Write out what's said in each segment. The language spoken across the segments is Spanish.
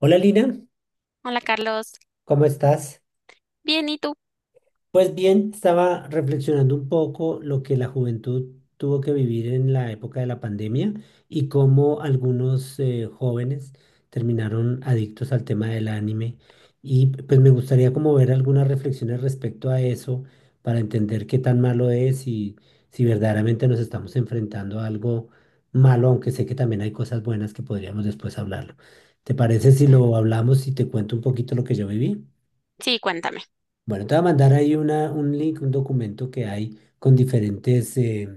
Hola Lina, Hola Carlos, ¿cómo estás? bien, ¿y tú? Pues bien, estaba reflexionando un poco lo que la juventud tuvo que vivir en la época de la pandemia y cómo algunos jóvenes terminaron adictos al tema del anime. Y pues me gustaría como ver algunas reflexiones respecto a eso para entender qué tan malo es y si verdaderamente nos estamos enfrentando a algo malo, aunque sé que también hay cosas buenas que podríamos después hablarlo. ¿Te parece si Ujú. lo hablamos y te cuento un poquito lo que yo viví? Sí, cuéntame. Bueno, te voy a mandar ahí un link, un documento que hay con diferentes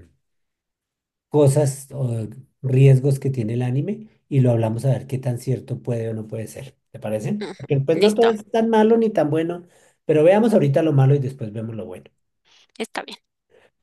cosas o riesgos que tiene el anime y lo hablamos a ver qué tan cierto puede o no puede ser. ¿Te parece? Ujú. Porque pues no todo Listo, es tan malo ni tan bueno, pero veamos ahorita lo malo y después vemos lo bueno. está bien.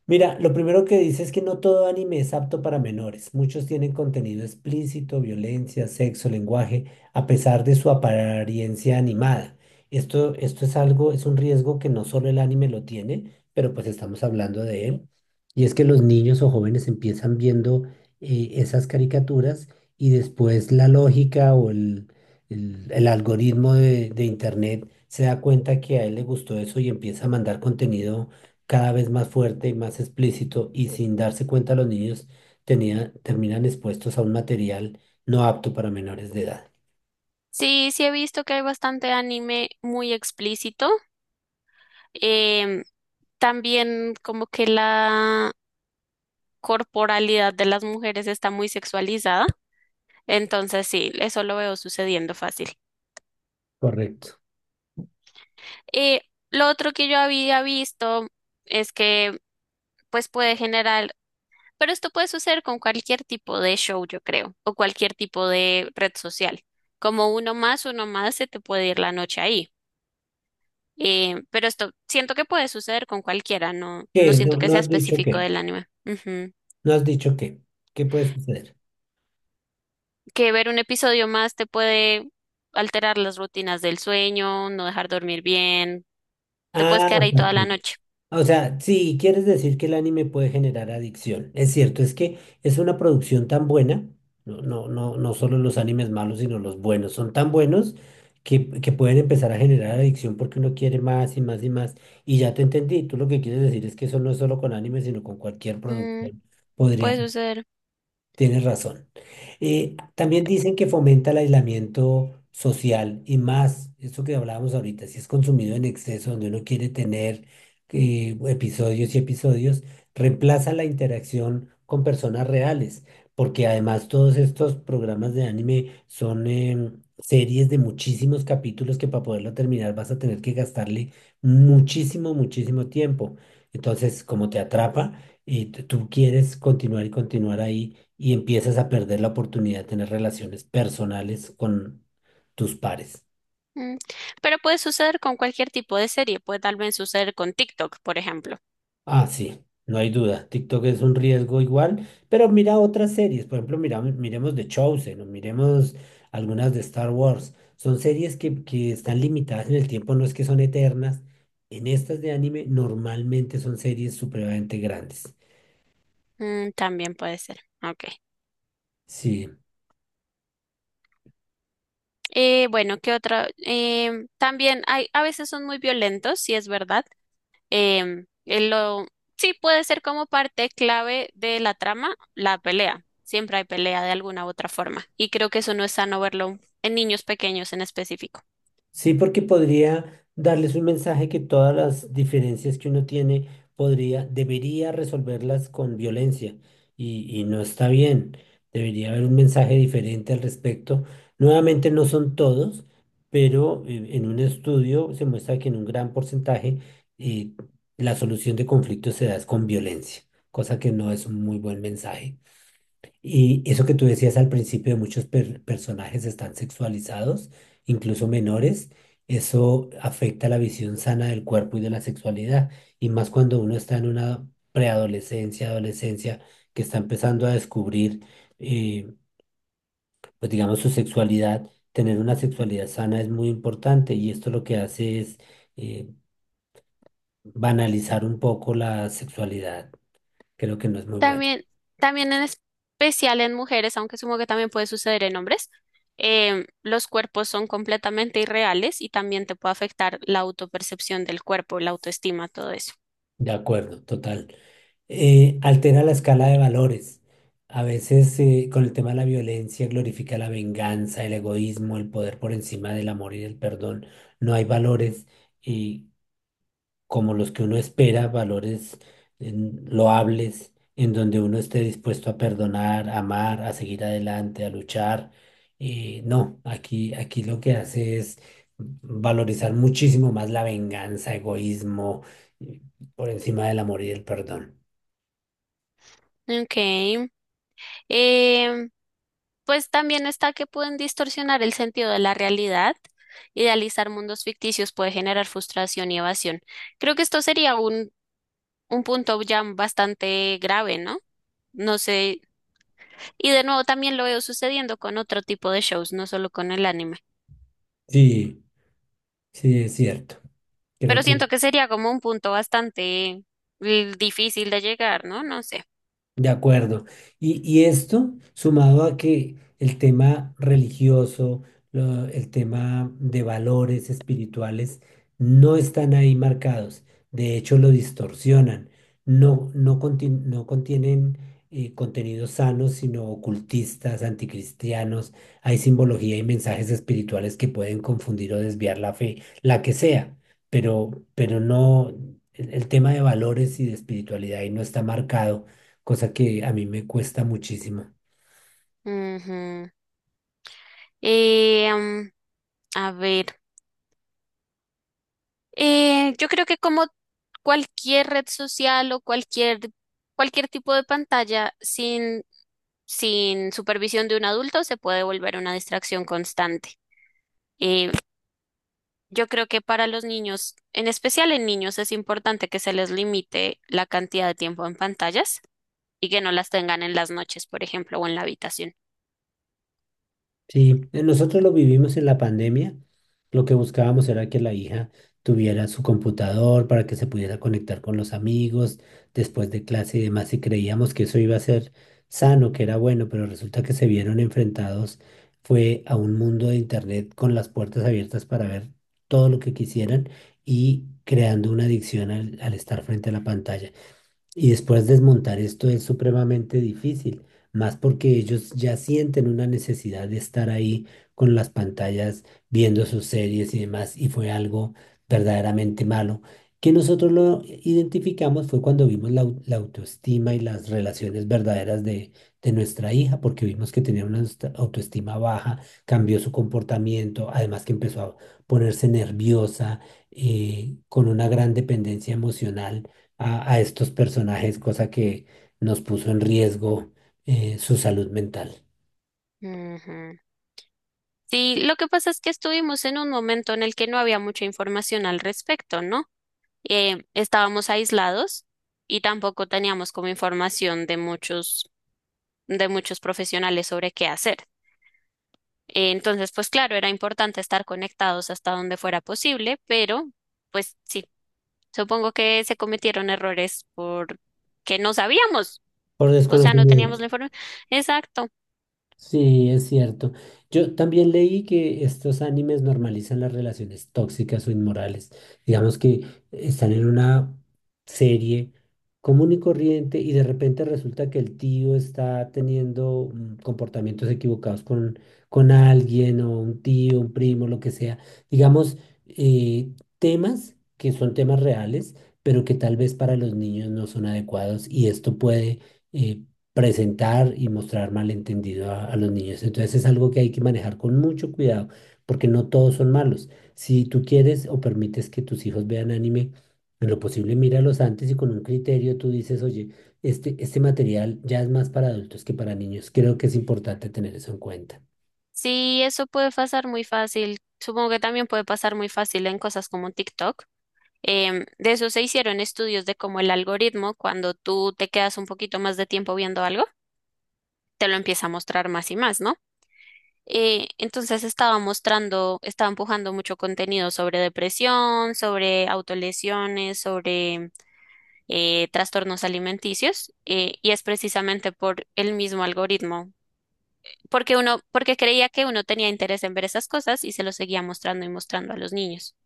Mira, lo primero que dice es que no todo anime es apto para menores. Muchos tienen contenido explícito, violencia, sexo, lenguaje, a pesar de su apariencia animada. Esto es algo, es un riesgo que no solo el anime lo tiene, pero pues estamos hablando de él. Y es que los niños o jóvenes empiezan viendo esas caricaturas y después la lógica el algoritmo de Internet se da cuenta que a él le gustó eso y empieza a mandar contenido cada vez más fuerte y más explícito y sin darse cuenta los niños terminan expuestos a un material no apto para menores de edad. Sí, sí he visto que hay bastante anime muy explícito. Em, También como que la corporalidad de las mujeres está muy sexualizada. Entonces sí, eso lo veo sucediendo fácil. Correcto. Eh, lo otro que yo había visto es que pues puede generar. Pero esto puede suceder con cualquier tipo de show, yo creo, o cualquier tipo de red social. Como uno más, se te puede ir la noche ahí. Pero esto siento que puede suceder con cualquiera, no, no ¿Qué? siento que No sea has dicho específico qué. del anime. Ujú. No has dicho qué. ¿Qué puede suceder? Que ver un episodio más te puede alterar las rutinas del sueño, no dejar dormir bien, te puedes Ah, quedar ahí toda la noche. o sea, sí, quieres decir que el anime puede generar adicción. Es cierto, es que es una producción tan buena, no solo los animes malos, sino los buenos, son tan buenos que pueden empezar a generar adicción porque uno quiere más y más y más. Y ya te entendí, tú lo que quieres decir es que eso no es solo con anime, sino con cualquier Mm, producción. puede Podría, suceder. tienes razón. También dicen que fomenta el aislamiento social y más, eso que hablábamos ahorita, si es consumido en exceso, donde uno quiere tener episodios y episodios, reemplaza la interacción con personas reales, porque además todos estos programas de anime son series de muchísimos capítulos que para poderlo terminar vas a tener que gastarle muchísimo, muchísimo tiempo. Entonces, como te atrapa y tú quieres continuar y continuar ahí y empiezas a perder la oportunidad de tener relaciones personales con tus pares. Mm. Pero puede suceder con cualquier tipo de serie, puede tal vez suceder con TikTok, por ejemplo. Ah, sí, no hay duda. TikTok es un riesgo igual, pero mira otras series. Por ejemplo, mira, miremos The Chosen o miremos algunas de Star Wars. Son series que están limitadas en el tiempo, no es que son eternas. En estas de anime normalmente son series supremamente grandes. Mm, también puede ser. Ok. Sí. Bueno, ¿qué otra? También hay, a veces son muy violentos, sí es verdad. Em, eh, lo, sí puede ser como parte clave de la trama, la pelea. Siempre hay pelea de alguna u otra forma. Y creo que eso no es sano verlo en niños pequeños en específico. Sí, porque podría darles un mensaje que todas las diferencias que uno tiene podría, debería resolverlas con violencia y no está bien. Debería haber un mensaje diferente al respecto. Nuevamente no son todos, pero en un estudio se muestra que en un gran porcentaje eh, la solución de conflictos se da es con violencia, cosa que no es un muy buen mensaje. Y eso que tú decías al principio, de muchos personajes están sexualizados, incluso menores, eso afecta la visión sana del cuerpo y de la sexualidad, y más cuando uno está en una preadolescencia, adolescencia, que está empezando a descubrir, eh, pues digamos, su sexualidad, tener una sexualidad sana es muy importante, y esto lo que hace es eh, banalizar un poco la sexualidad, creo que no es muy bueno. También, también en especial en mujeres, aunque supongo que también puede suceder en hombres, los cuerpos son completamente irreales y también te puede afectar la autopercepción del cuerpo, la autoestima, todo eso. De acuerdo, total. Altera la escala de valores. A veces con el tema de la violencia glorifica la venganza, el egoísmo, el poder por encima del amor y del perdón. No hay valores eh, como los que uno espera, valores loables, en donde uno esté dispuesto a perdonar, a amar, a seguir adelante, a luchar. No, aquí lo que hace es valorizar muchísimo más la venganza, egoísmo, eh, por encima del amor y del perdón. Ok. Em, Pues también está que pueden distorsionar el sentido de la realidad. Idealizar mundos ficticios puede generar frustración y evasión. Creo que esto sería un punto ya bastante grave, ¿no? No sé. Y de nuevo también lo veo sucediendo con otro tipo de shows, no solo con el anime. Sí, sí, es cierto. Creo Pero que siento que sería como un punto bastante difícil de llegar, ¿no? No sé. de acuerdo. Y esto, sumado a que el tema religioso, el tema de valores espirituales, no están ahí marcados. De hecho, lo distorsionan. No, no contienen contenidos sanos, sino ocultistas, anticristianos. Hay simbología y mensajes espirituales que pueden confundir o desviar la fe, la que sea. Pero no, el tema de valores y de espiritualidad ahí no está marcado, cosa que a mí me cuesta muchísimo. Ujú. Eh, mm, a ver. Yo creo que como cualquier red social cualquier tipo de pantalla, sin supervisión de un adulto, se puede volver una distracción constante. Eh, yo creo que para los niños, en especial en niños, es importante que se les limite la cantidad de tiempo en pantallas y que no las tengan en las noches, por ejemplo, o en la habitación. Sí, nosotros lo vivimos en la pandemia. Lo que buscábamos era que la hija tuviera su computador para que se pudiera conectar con los amigos después de clase y demás, y creíamos que eso iba a ser sano, que era bueno, pero resulta que se vieron enfrentados, fue a un mundo de internet con las puertas abiertas para ver todo lo que quisieran y creando una adicción al estar frente a la pantalla. Y después desmontar esto es supremamente difícil, más porque ellos ya sienten una necesidad de estar ahí con las pantallas, viendo sus series y demás, y fue algo verdaderamente malo, que nosotros lo identificamos fue cuando vimos la autoestima y las relaciones verdaderas de nuestra hija, porque vimos que tenía una autoestima baja, cambió su comportamiento, además que empezó a ponerse nerviosa, con una gran dependencia emocional a estos personajes, cosa que nos puso en riesgo su salud mental Ujú. Sí, lo que pasa es que estuvimos en un momento en el que no había mucha información al respecto, ¿no? Estábamos aislados y tampoco teníamos como información de muchos profesionales sobre qué hacer. Entonces, pues claro, era importante estar conectados hasta donde fuera posible, pero pues sí, supongo que se cometieron errores por que no sabíamos, por o sea, no teníamos desconocimiento. la información. Exacto. Sí, es cierto. Yo también leí que estos animes normalizan las relaciones tóxicas o inmorales. Digamos que están en una serie común y corriente y de repente resulta que el tío está teniendo comportamientos equivocados con alguien o un tío, un primo, lo que sea. Digamos, eh, temas que son temas reales, pero que tal vez para los niños no son adecuados y esto puede eh, presentar y mostrar malentendido a los niños. Entonces es algo que hay que manejar con mucho cuidado, porque no todos son malos. Si tú quieres o permites que tus hijos vean anime, en lo posible míralos antes y con un criterio tú dices, oye, este material ya es más para adultos que para niños. Creo que es importante tener eso en cuenta. Sí, eso puede pasar muy fácil. Supongo que también puede pasar muy fácil en cosas como TikTok. De eso se hicieron estudios de cómo el algoritmo, cuando tú te quedas un poquito más de tiempo viendo algo, te lo empieza a mostrar más y más, ¿no? Entonces estaba mostrando, estaba empujando mucho contenido sobre depresión, sobre autolesiones, sobre trastornos alimenticios, y es precisamente por el mismo algoritmo, porque uno, porque creía que uno tenía interés en ver esas cosas y se lo seguía mostrando y mostrando a los niños.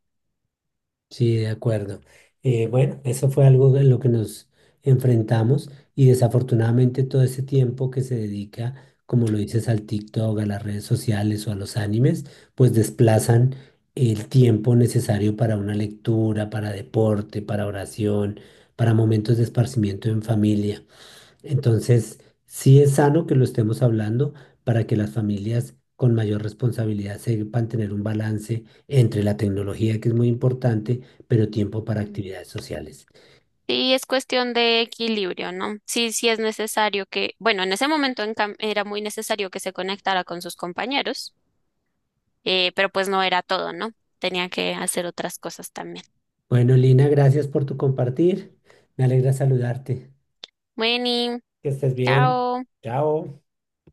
Sí, de acuerdo. Bueno, eso fue algo en lo que nos enfrentamos y desafortunadamente todo ese tiempo que se dedica, como lo dices, al TikTok, a las redes sociales o a los animes, pues desplazan el tiempo necesario para una lectura, para deporte, para oración, para momentos de esparcimiento en familia. Entonces, sí es sano que lo estemos hablando para que las familias con mayor responsabilidad sepan tener un balance entre la tecnología, que es muy importante, pero tiempo para Mm. actividades sociales. Sí, es cuestión de equilibrio, ¿no? Sí, sí es necesario que, bueno, en ese momento en cam- era muy necesario que se conectara con sus compañeros, pero pues no era todo, ¿no? Tenía que hacer otras cosas también. Bueno, Lina, gracias por tu compartir. Me alegra saludarte. Bueno, Que estés bien. chao. Chao.